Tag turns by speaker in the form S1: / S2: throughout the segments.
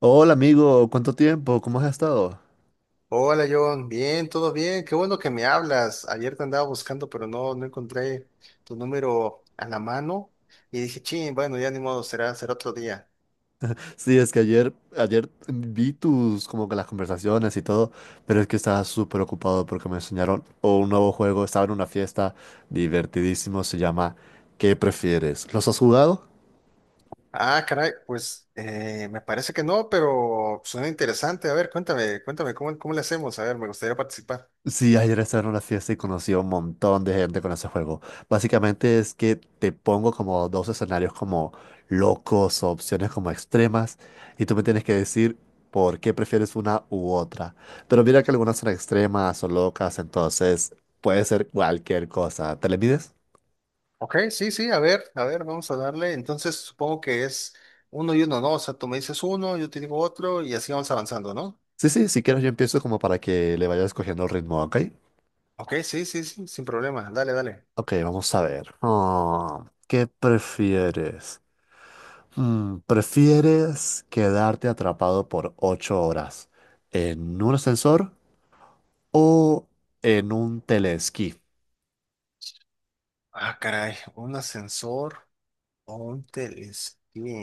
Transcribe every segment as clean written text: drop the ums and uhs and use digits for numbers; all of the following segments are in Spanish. S1: Hola amigo, ¿cuánto tiempo? ¿Cómo has estado?
S2: Hola John, bien, todo bien, qué bueno que me hablas. Ayer te andaba buscando, pero no encontré tu número a la mano y dije, ching, bueno, ya ni modo, será otro día.
S1: Sí, es que ayer vi tus, como que las conversaciones y todo, pero es que estaba súper ocupado porque me enseñaron o un nuevo juego, estaba en una fiesta divertidísimo, se llama ¿Qué prefieres? ¿Los has jugado?
S2: Ah, caray, pues me parece que no, pero suena interesante. A ver, cuéntame, cuéntame, ¿cómo le hacemos? A ver, me gustaría participar.
S1: Sí, ayer estaba en una fiesta y conocí a un montón de gente con ese juego. Básicamente es que te pongo como dos escenarios como locos o opciones como extremas y tú me tienes que decir por qué prefieres una u otra. Pero mira que algunas son extremas o locas, entonces puede ser cualquier cosa. ¿Te le mides?
S2: Ok, sí, sí, a ver, vamos a darle. Entonces supongo que es uno y uno, ¿no? O sea, tú me dices uno, yo te digo otro y así vamos avanzando, ¿no?
S1: Sí, sí, si quieres yo empiezo como para que le vayas cogiendo el ritmo, ¿ok?
S2: Ok, sí, sí, sí, sin problema, dale, dale.
S1: Ok, vamos a ver. Ah, ¿qué prefieres? ¿Prefieres quedarte atrapado por 8 horas en un ascensor o en un telesquí?
S2: Ah, caray, un ascensor. Un telesquí.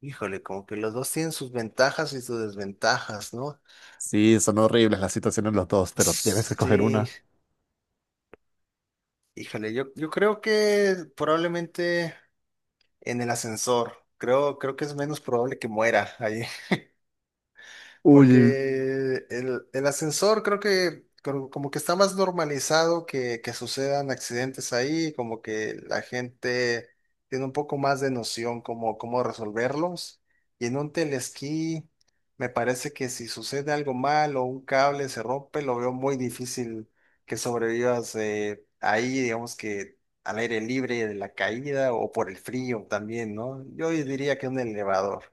S2: Híjole, como que los dos tienen sus ventajas y sus desventajas, ¿no?
S1: Sí, son horribles las situaciones los dos, pero tienes que escoger
S2: Sí,
S1: una.
S2: híjole, yo creo que probablemente en el ascensor. Creo que es menos probable que muera ahí.
S1: Uy.
S2: Porque el ascensor creo que como que está más normalizado que sucedan accidentes ahí, como que la gente tiene un poco más de noción como cómo resolverlos. Y en un telesquí me parece que si sucede algo mal o un cable se rompe, lo veo muy difícil que sobrevivas ahí, digamos que al aire libre de la caída o por el frío también, ¿no? Yo diría que un elevador.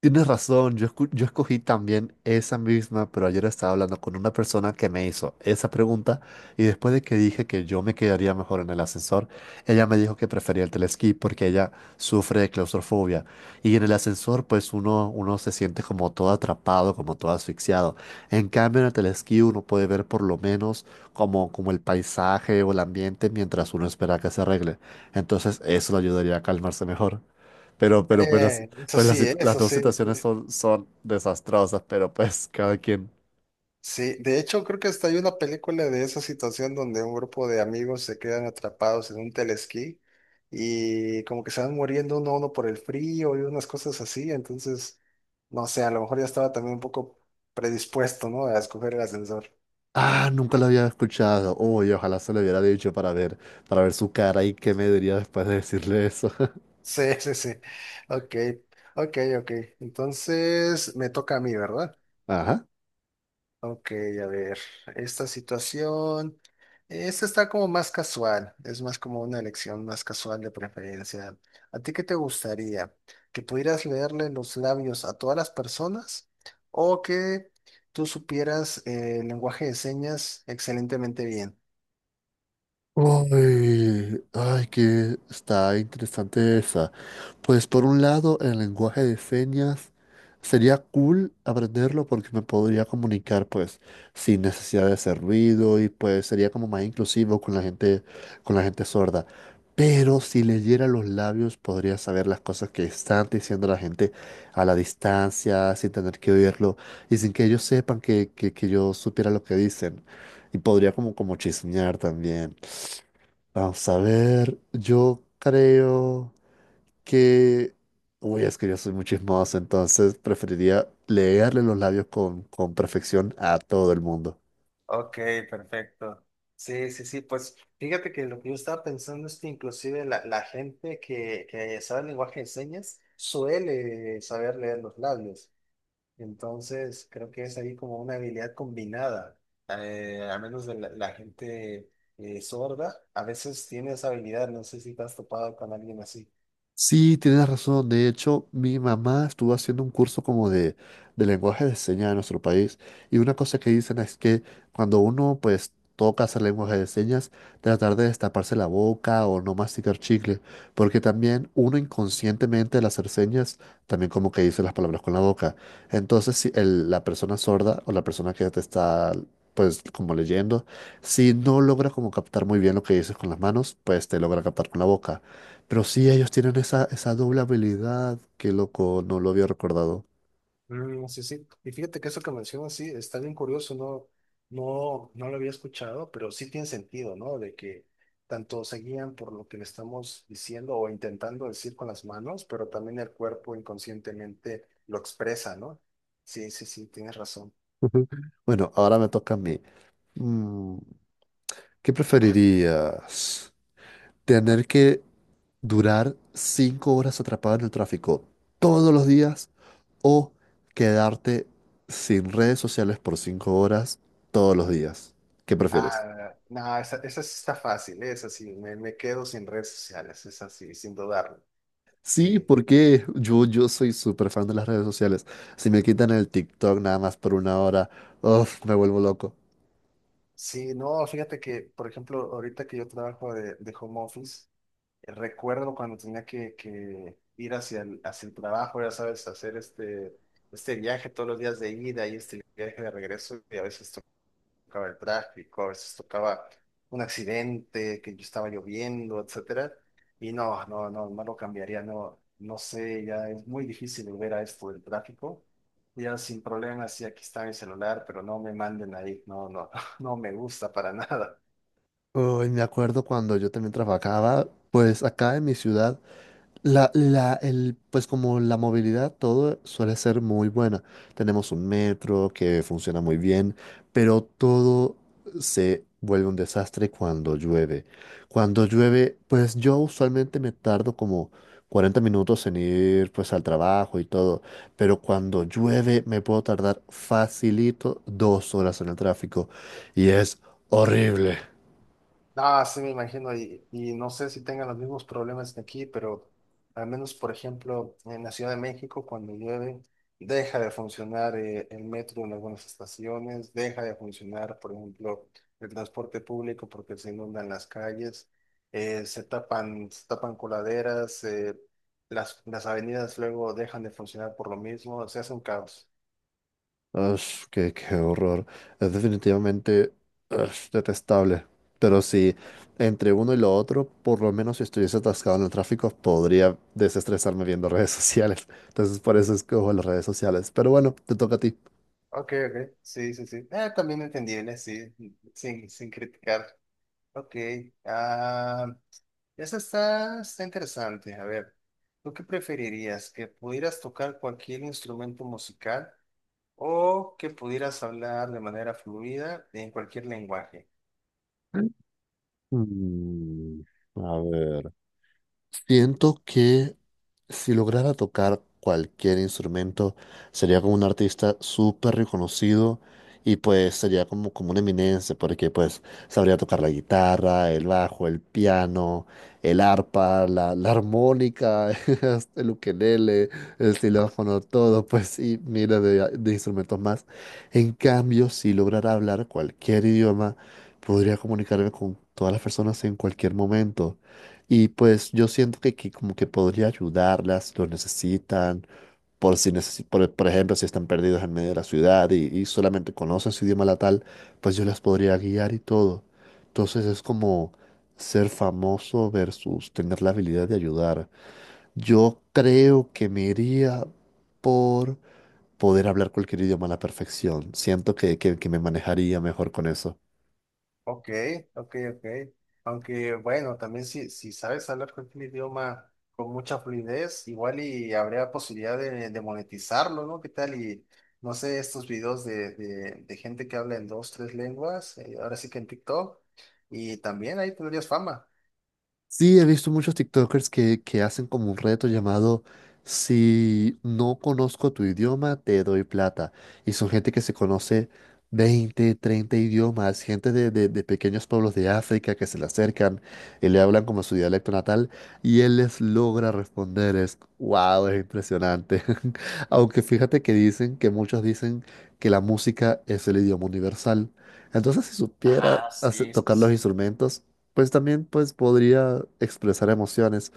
S1: Tienes razón, yo, yo escogí también esa misma, pero ayer estaba hablando con una persona que me hizo esa pregunta y después de que dije que yo me quedaría mejor en el ascensor, ella me dijo que prefería el telesquí porque ella sufre de claustrofobia y en el ascensor pues uno se siente como todo atrapado, como todo asfixiado. En cambio en el telesquí uno puede ver por lo menos como, como el paisaje o el ambiente mientras uno espera que se arregle. Entonces eso le ayudaría a calmarse mejor. Pero pues las,
S2: Eso
S1: pues
S2: sí,
S1: las, situ- las
S2: eso
S1: dos
S2: sí.
S1: situaciones son, son desastrosas, pero pues cada quien.
S2: Sí, de hecho creo que hasta hay una película de esa situación donde un grupo de amigos se quedan atrapados en un telesquí y como que se van muriendo uno a uno por el frío y unas cosas así, entonces, no sé, a lo mejor ya estaba también un poco predispuesto, ¿no? A escoger el ascensor.
S1: Ah, nunca lo había escuchado. Uy, ojalá se lo hubiera dicho para ver su cara y qué me diría después de decirle eso.
S2: Sí, sí, sí. Ok, ok, ok. Entonces me toca a mí, ¿verdad?
S1: Ajá.
S2: Ok, a ver, esta situación, esta está como más casual, es más como una elección más casual de preferencia. ¿A ti qué te gustaría? ¿Que pudieras leerle los labios a todas las personas o que tú supieras el lenguaje de señas excelentemente bien?
S1: Ay, ay, que está interesante esa. Pues por un lado, el lenguaje de señas sería cool aprenderlo porque me podría comunicar pues sin necesidad de hacer ruido y pues sería como más inclusivo con la gente sorda. Pero si leyera los labios podría saber las cosas que están diciendo la gente a la distancia, sin tener que oírlo y sin que ellos sepan que yo supiera lo que dicen. Y podría como, como chismear también. Vamos a ver, yo creo que... Uy, es que yo soy muy chismoso, entonces preferiría leerle los labios con perfección a todo el mundo.
S2: Ok, perfecto. Sí, sí, sí, pues fíjate que lo que yo estaba pensando es que inclusive la gente que sabe el lenguaje de señas suele saber leer los labios. Entonces, creo que es ahí como una habilidad combinada. A menos de la gente sorda, a veces tiene esa habilidad. No sé si te has topado con alguien así.
S1: Sí, tienes razón. De hecho, mi mamá estuvo haciendo un curso como de lenguaje de señas en nuestro país y una cosa que dicen es que cuando uno pues toca hacer lenguaje de señas, tratar de destaparse la boca o no masticar chicle, porque también uno inconscientemente al hacer señas también como que dice las palabras con la boca. Entonces, si la persona sorda o la persona que te está pues como leyendo, si no logra como captar muy bien lo que dices con las manos, pues te logra captar con la boca. Pero sí, ellos tienen esa, esa doble habilidad. Qué loco, no lo había recordado.
S2: Mm, sí, sí. Y fíjate que eso que mencionas, sí, está bien curioso. No, no, no lo había escuchado, pero sí tiene sentido, ¿no? De que tanto se guían por lo que le estamos diciendo o intentando decir con las manos, pero también el cuerpo inconscientemente lo expresa, ¿no? Sí, sí, sí, tienes razón.
S1: Ujú. Bueno, ahora me toca a mí. Mm, ¿Qué preferirías? ¿Tener que durar 5 horas atrapado en el tráfico todos los días o quedarte sin redes sociales por 5 horas todos los días? ¿Qué prefieres?
S2: Ah, no, esa sí está fácil, ¿eh? Esa sí, me quedo sin redes sociales, esa sí, sin dudarlo.
S1: Sí,
S2: Sí,
S1: porque yo soy súper fan de las redes sociales. Si me quitan el TikTok nada más por una hora, uf, me vuelvo loco.
S2: sí, no, fíjate que, por ejemplo, ahorita que yo trabajo de home office, recuerdo cuando tenía que ir hacia el trabajo, ya sabes, hacer este viaje todos los días de ida y este viaje de regreso, y a veces tocaba el tráfico, a veces tocaba un accidente, que estaba lloviendo, etcétera. Y no, no, no, no lo cambiaría, no, no sé, ya es muy difícil volver a esto del tráfico. Ya sin problemas, sí, aquí está mi celular, pero no me manden ahí, no, no, no me gusta para nada.
S1: Uy, me acuerdo cuando yo también trabajaba, pues acá en mi ciudad, pues como la movilidad, todo suele ser muy buena. Tenemos un metro que funciona muy bien, pero todo se vuelve un desastre cuando llueve. Cuando llueve, pues yo usualmente me tardo como 40 minutos en ir pues al trabajo y todo, pero cuando llueve me puedo tardar facilito 2 horas en el tráfico y es horrible.
S2: Ah, sí, me imagino, y no sé si tengan los mismos problemas que aquí, pero al menos, por ejemplo, en la Ciudad de México, cuando llueve, deja de funcionar el metro en algunas estaciones, deja de funcionar, por ejemplo, el transporte público porque se inundan las calles, se tapan coladeras, las avenidas luego dejan de funcionar por lo mismo, se hace un caos.
S1: Ash, qué, qué horror. Es definitivamente ash, detestable. Pero si entre uno y lo otro, por lo menos si estuviese atascado en el tráfico, podría desestresarme viendo redes sociales. Entonces por eso escojo las redes sociales. Pero bueno, te toca a ti.
S2: Ok, ok, sí, sí, sí. También entendible, sí, sin criticar. Ok, ah, esa está interesante. A ver, ¿tú qué preferirías? ¿Que pudieras tocar cualquier instrumento musical o que pudieras hablar de manera fluida en cualquier lenguaje?
S1: Mm, a ver. Siento que si lograra tocar cualquier instrumento, sería como un artista súper reconocido y pues sería como, como una eminencia, porque pues sabría tocar la guitarra, el bajo, el piano, el arpa, la armónica, hasta el ukelele, el xilófono, todo, pues y mira de instrumentos más. En cambio, si lograra hablar cualquier idioma, podría comunicarme con todas las personas en cualquier momento. Y pues yo siento que como que podría ayudarlas, lo necesitan, por si por ejemplo, si están perdidos en medio de la ciudad y solamente conocen su idioma natal, pues yo las podría guiar y todo. Entonces es como ser famoso versus tener la habilidad de ayudar. Yo creo que me iría por poder hablar cualquier idioma a la perfección. Siento que me manejaría mejor con eso.
S2: Ok, ok, ok. Aunque bueno, también si sabes hablar cualquier idioma con mucha fluidez, igual y habría posibilidad de monetizarlo, ¿no? ¿Qué tal? Y no sé, estos videos de gente que habla en dos, tres lenguas, ahora sí que en TikTok, y también ahí tendrías fama.
S1: Sí, he visto muchos TikTokers que hacen como un reto llamado Si no conozco tu idioma, te doy plata. Y son gente que se conoce 20, 30 idiomas, gente de pequeños pueblos de África que se le acercan y le hablan como su dialecto natal y él les logra responder. Es, wow, es impresionante. Aunque fíjate que dicen, que muchos dicen que la música es el idioma universal. Entonces, si
S2: Ah, sí, sí,
S1: tocar los
S2: sí.
S1: instrumentos, pues también pues podría expresar emociones,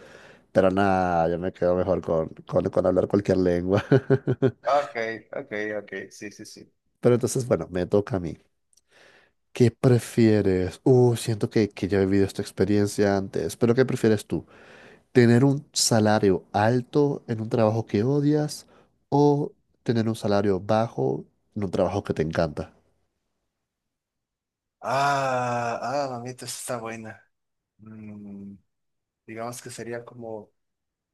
S1: pero nada, yo me quedo mejor con hablar cualquier lengua.
S2: Ok, ok, ok, sí, sí, sí.
S1: Pero entonces, bueno, me toca a mí. ¿Qué prefieres? Siento que ya he vivido esta experiencia antes, pero ¿qué prefieres tú? ¿Tener un salario alto en un trabajo que odias o tener un salario bajo en un trabajo que te encanta?
S2: Ah, mamita, esa está buena. Mm, digamos que sería como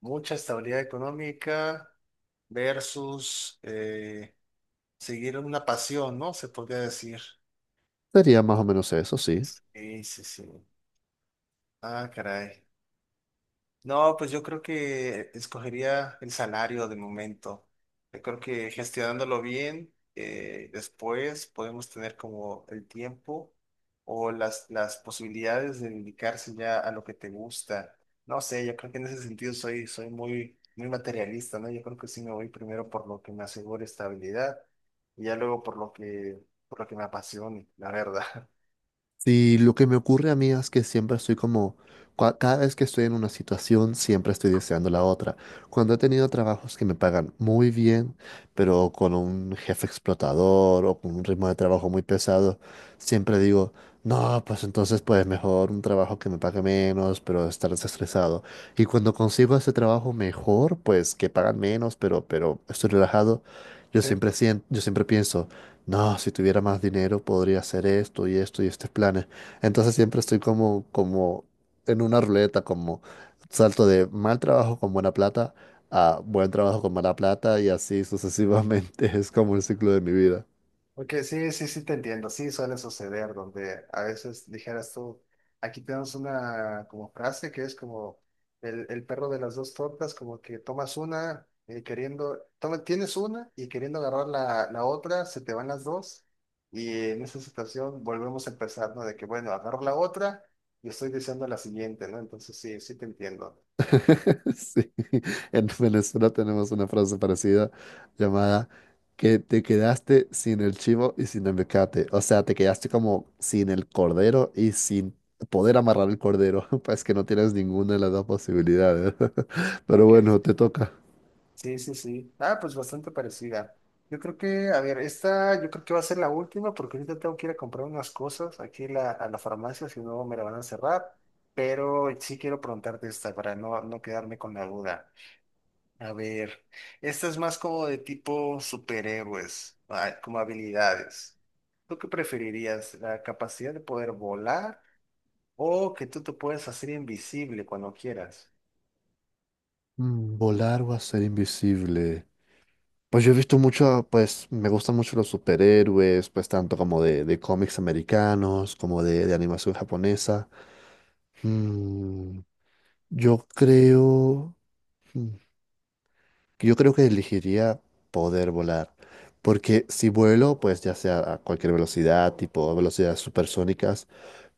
S2: mucha estabilidad económica versus seguir una pasión, ¿no? Se podría decir.
S1: Sería más o menos eso, sí.
S2: Sí, sí, sí. Ah, caray. No, pues yo creo que escogería el salario de momento. Yo creo que gestionándolo bien, después podemos tener como el tiempo o las posibilidades de dedicarse ya a lo que te gusta. No sé, yo creo que en ese sentido soy muy, muy materialista, ¿no? Yo creo que sí me voy primero por lo que me asegure estabilidad y ya luego por lo que me apasione, la verdad.
S1: Sí, lo que me ocurre a mí es que siempre estoy como, cada vez que estoy en una situación, siempre estoy deseando la otra. Cuando he tenido trabajos que me pagan muy bien, pero con un jefe explotador o con un ritmo de trabajo muy pesado, siempre digo, no, pues entonces pues mejor un trabajo que me pague menos, pero estar desestresado. Y cuando consigo ese trabajo mejor, pues que pagan menos, pero estoy relajado, yo siempre siento, yo siempre pienso no, si tuviera más dinero podría hacer esto y esto y estos planes. Entonces siempre estoy como, como en una ruleta, como salto de mal trabajo con buena plata a buen trabajo con mala plata y así sucesivamente. Es como el ciclo de mi vida.
S2: Porque sí, sí, sí te entiendo, sí suele suceder donde a veces dijeras tú, aquí tenemos una como frase que es como el perro de las dos tortas, como que tomas una queriendo, tienes una y queriendo agarrar la otra, se te van las dos y en esa situación volvemos a empezar, ¿no? De que bueno, agarro la otra y estoy diciendo la siguiente, ¿no? Entonces sí, sí te entiendo.
S1: Sí, en Venezuela tenemos una frase parecida llamada que te quedaste sin el chivo y sin el mecate. O sea, te quedaste como sin el cordero y sin poder amarrar el cordero. Pues que no tienes ninguna de las dos posibilidades. Pero
S2: Ok.
S1: bueno, te toca.
S2: Sí, sí, sí. Ah, pues bastante parecida. Yo creo que, a ver, esta yo creo que va a ser la última porque ahorita tengo que ir a comprar unas cosas aquí a la farmacia, si no me la van a cerrar. Pero sí quiero preguntarte esta para no quedarme con la duda. A ver, esta es más como de tipo superhéroes, como habilidades. ¿Tú qué preferirías? ¿La capacidad de poder volar o que tú te puedes hacer invisible cuando quieras?
S1: Mm, volar o hacer invisible. Pues yo he visto mucho, pues me gustan mucho los superhéroes, pues tanto como de cómics americanos, como de animación japonesa. Mm, yo creo, mm, yo creo que elegiría poder volar, porque si vuelo, pues ya sea a cualquier velocidad, tipo velocidades supersónicas,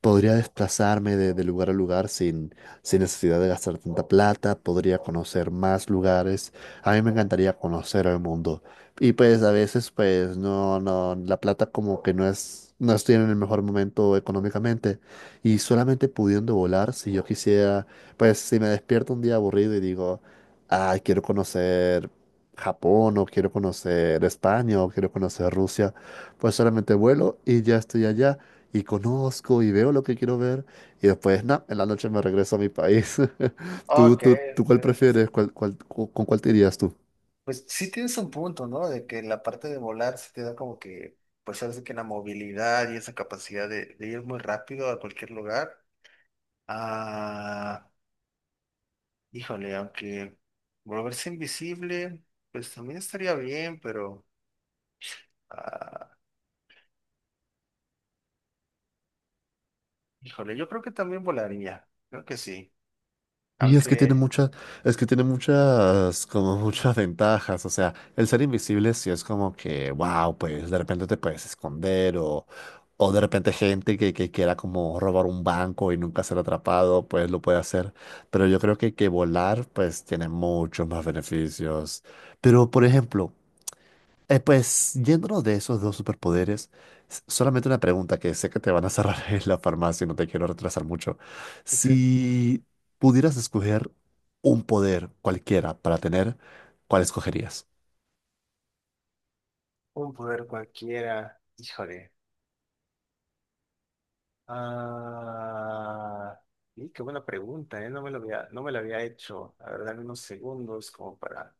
S1: podría desplazarme de lugar a lugar sin, sin necesidad de gastar tanta plata, podría conocer más lugares. A mí me encantaría conocer el mundo. Y pues a veces, pues no, no, la plata como que no es, no estoy en el mejor momento económicamente. Y solamente pudiendo volar, si yo quisiera, pues si me despierto un día aburrido y digo, ay, quiero conocer Japón o quiero conocer España o quiero conocer Rusia, pues solamente vuelo y ya estoy allá y conozco y veo lo que quiero ver y después, na, en la noche me regreso a mi país. ¿Tú,
S2: Ok,
S1: tú, tú cuál
S2: eres
S1: prefieres? ¿Cuál, con cuál te irías tú?
S2: Pues sí tienes un punto, ¿no? De que la parte de volar se te da como que, pues ahora sí que la movilidad y esa capacidad de ir muy rápido a cualquier lugar. Ah, híjole, aunque volverse invisible, pues también estaría bien, pero, ah, híjole, yo creo que también volaría, creo que sí.
S1: Y es que tiene
S2: Aunque
S1: muchas, es que tiene muchas, como muchas ventajas. O sea, el ser invisible sí es como que, wow, pues de repente te puedes esconder o de repente gente que quiera como robar un banco y nunca ser atrapado, pues lo puede hacer. Pero yo creo que volar, pues tiene muchos más beneficios. Pero, por ejemplo, eh, pues yéndonos de esos dos superpoderes, solamente una pregunta que sé que te van a cerrar en la farmacia y no te quiero retrasar mucho.
S2: ese
S1: Si pudieras escoger un poder cualquiera para tener, ¿cuál escogerías?
S2: Un poder cualquiera, híjole. Ah, y qué buena pregunta, ¿eh? No me lo había hecho. A ver, dame unos segundos como para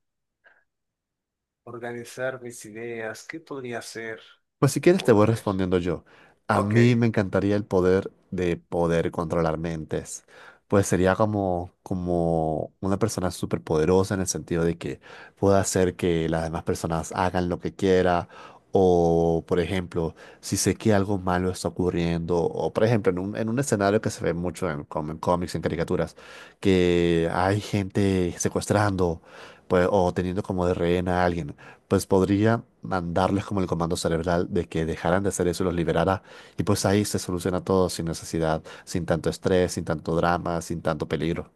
S2: organizar mis ideas. ¿Qué podría hacer?
S1: Pues si quieres te voy
S2: Poder.
S1: respondiendo yo. A
S2: Ok,
S1: mí me encantaría el poder de poder controlar mentes. Pues sería como, como una persona súper poderosa en el sentido de que pueda hacer que las demás personas hagan lo que quiera. O, por ejemplo, si sé que algo malo está ocurriendo. O, por ejemplo, en un escenario que se ve mucho en, en cómics, en caricaturas, que hay gente secuestrando, pues, o teniendo como de rehén a alguien pues podría mandarles como el comando cerebral de que dejaran de hacer eso y los liberara. Y pues ahí se soluciona todo sin necesidad, sin tanto estrés, sin tanto drama, sin tanto peligro.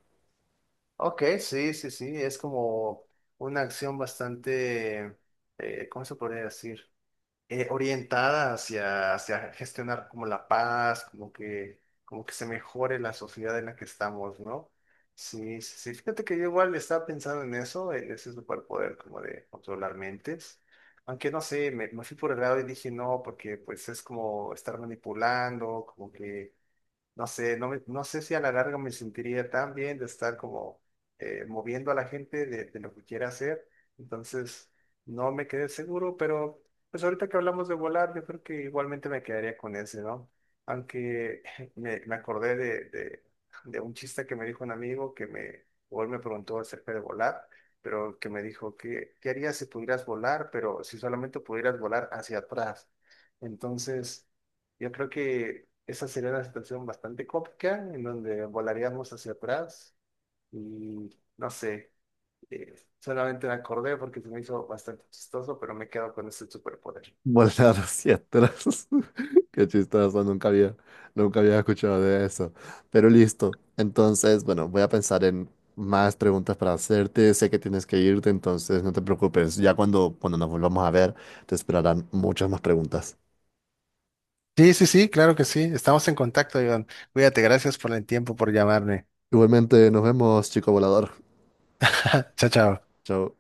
S2: ok, sí, sí, sí. Es como una acción bastante, ¿cómo se podría decir? Orientada hacia gestionar como la paz, como que se mejore la sociedad en la que estamos, ¿no? Sí, sí, sí. Fíjate que yo igual estaba pensando en eso, en ese superpoder como de controlar mentes. Aunque no sé, me fui por el lado y dije no, porque pues es como estar manipulando, como que no sé, no, no sé si a la larga me sentiría tan bien de estar como moviendo a la gente de lo que quiera hacer. Entonces, no me quedé seguro, pero pues ahorita que hablamos de volar, yo creo que igualmente me quedaría con ese, ¿no? Aunque me acordé de un chiste que me dijo un amigo o él me preguntó acerca de volar, pero que me dijo, ¿qué harías si pudieras volar, pero si solamente pudieras volar hacia atrás? Entonces, yo creo que esa sería una situación bastante cómica en donde volaríamos hacia atrás y no sé, solamente me acordé porque se me hizo bastante chistoso, pero me quedo con ese superpoder.
S1: Volar hacia atrás. Qué chistoso, nunca había, nunca había escuchado de eso. Pero listo. Entonces, bueno, voy a pensar en más preguntas para hacerte. Sé que tienes que irte, entonces no te preocupes. Ya cuando, cuando nos volvamos a ver, te esperarán muchas más preguntas.
S2: Sí, sí, sí, claro que sí. Estamos en contacto, Iván. Cuídate, gracias por el tiempo, por llamarme.
S1: Igualmente, nos vemos, chico volador.
S2: Chao, chao.
S1: Chao.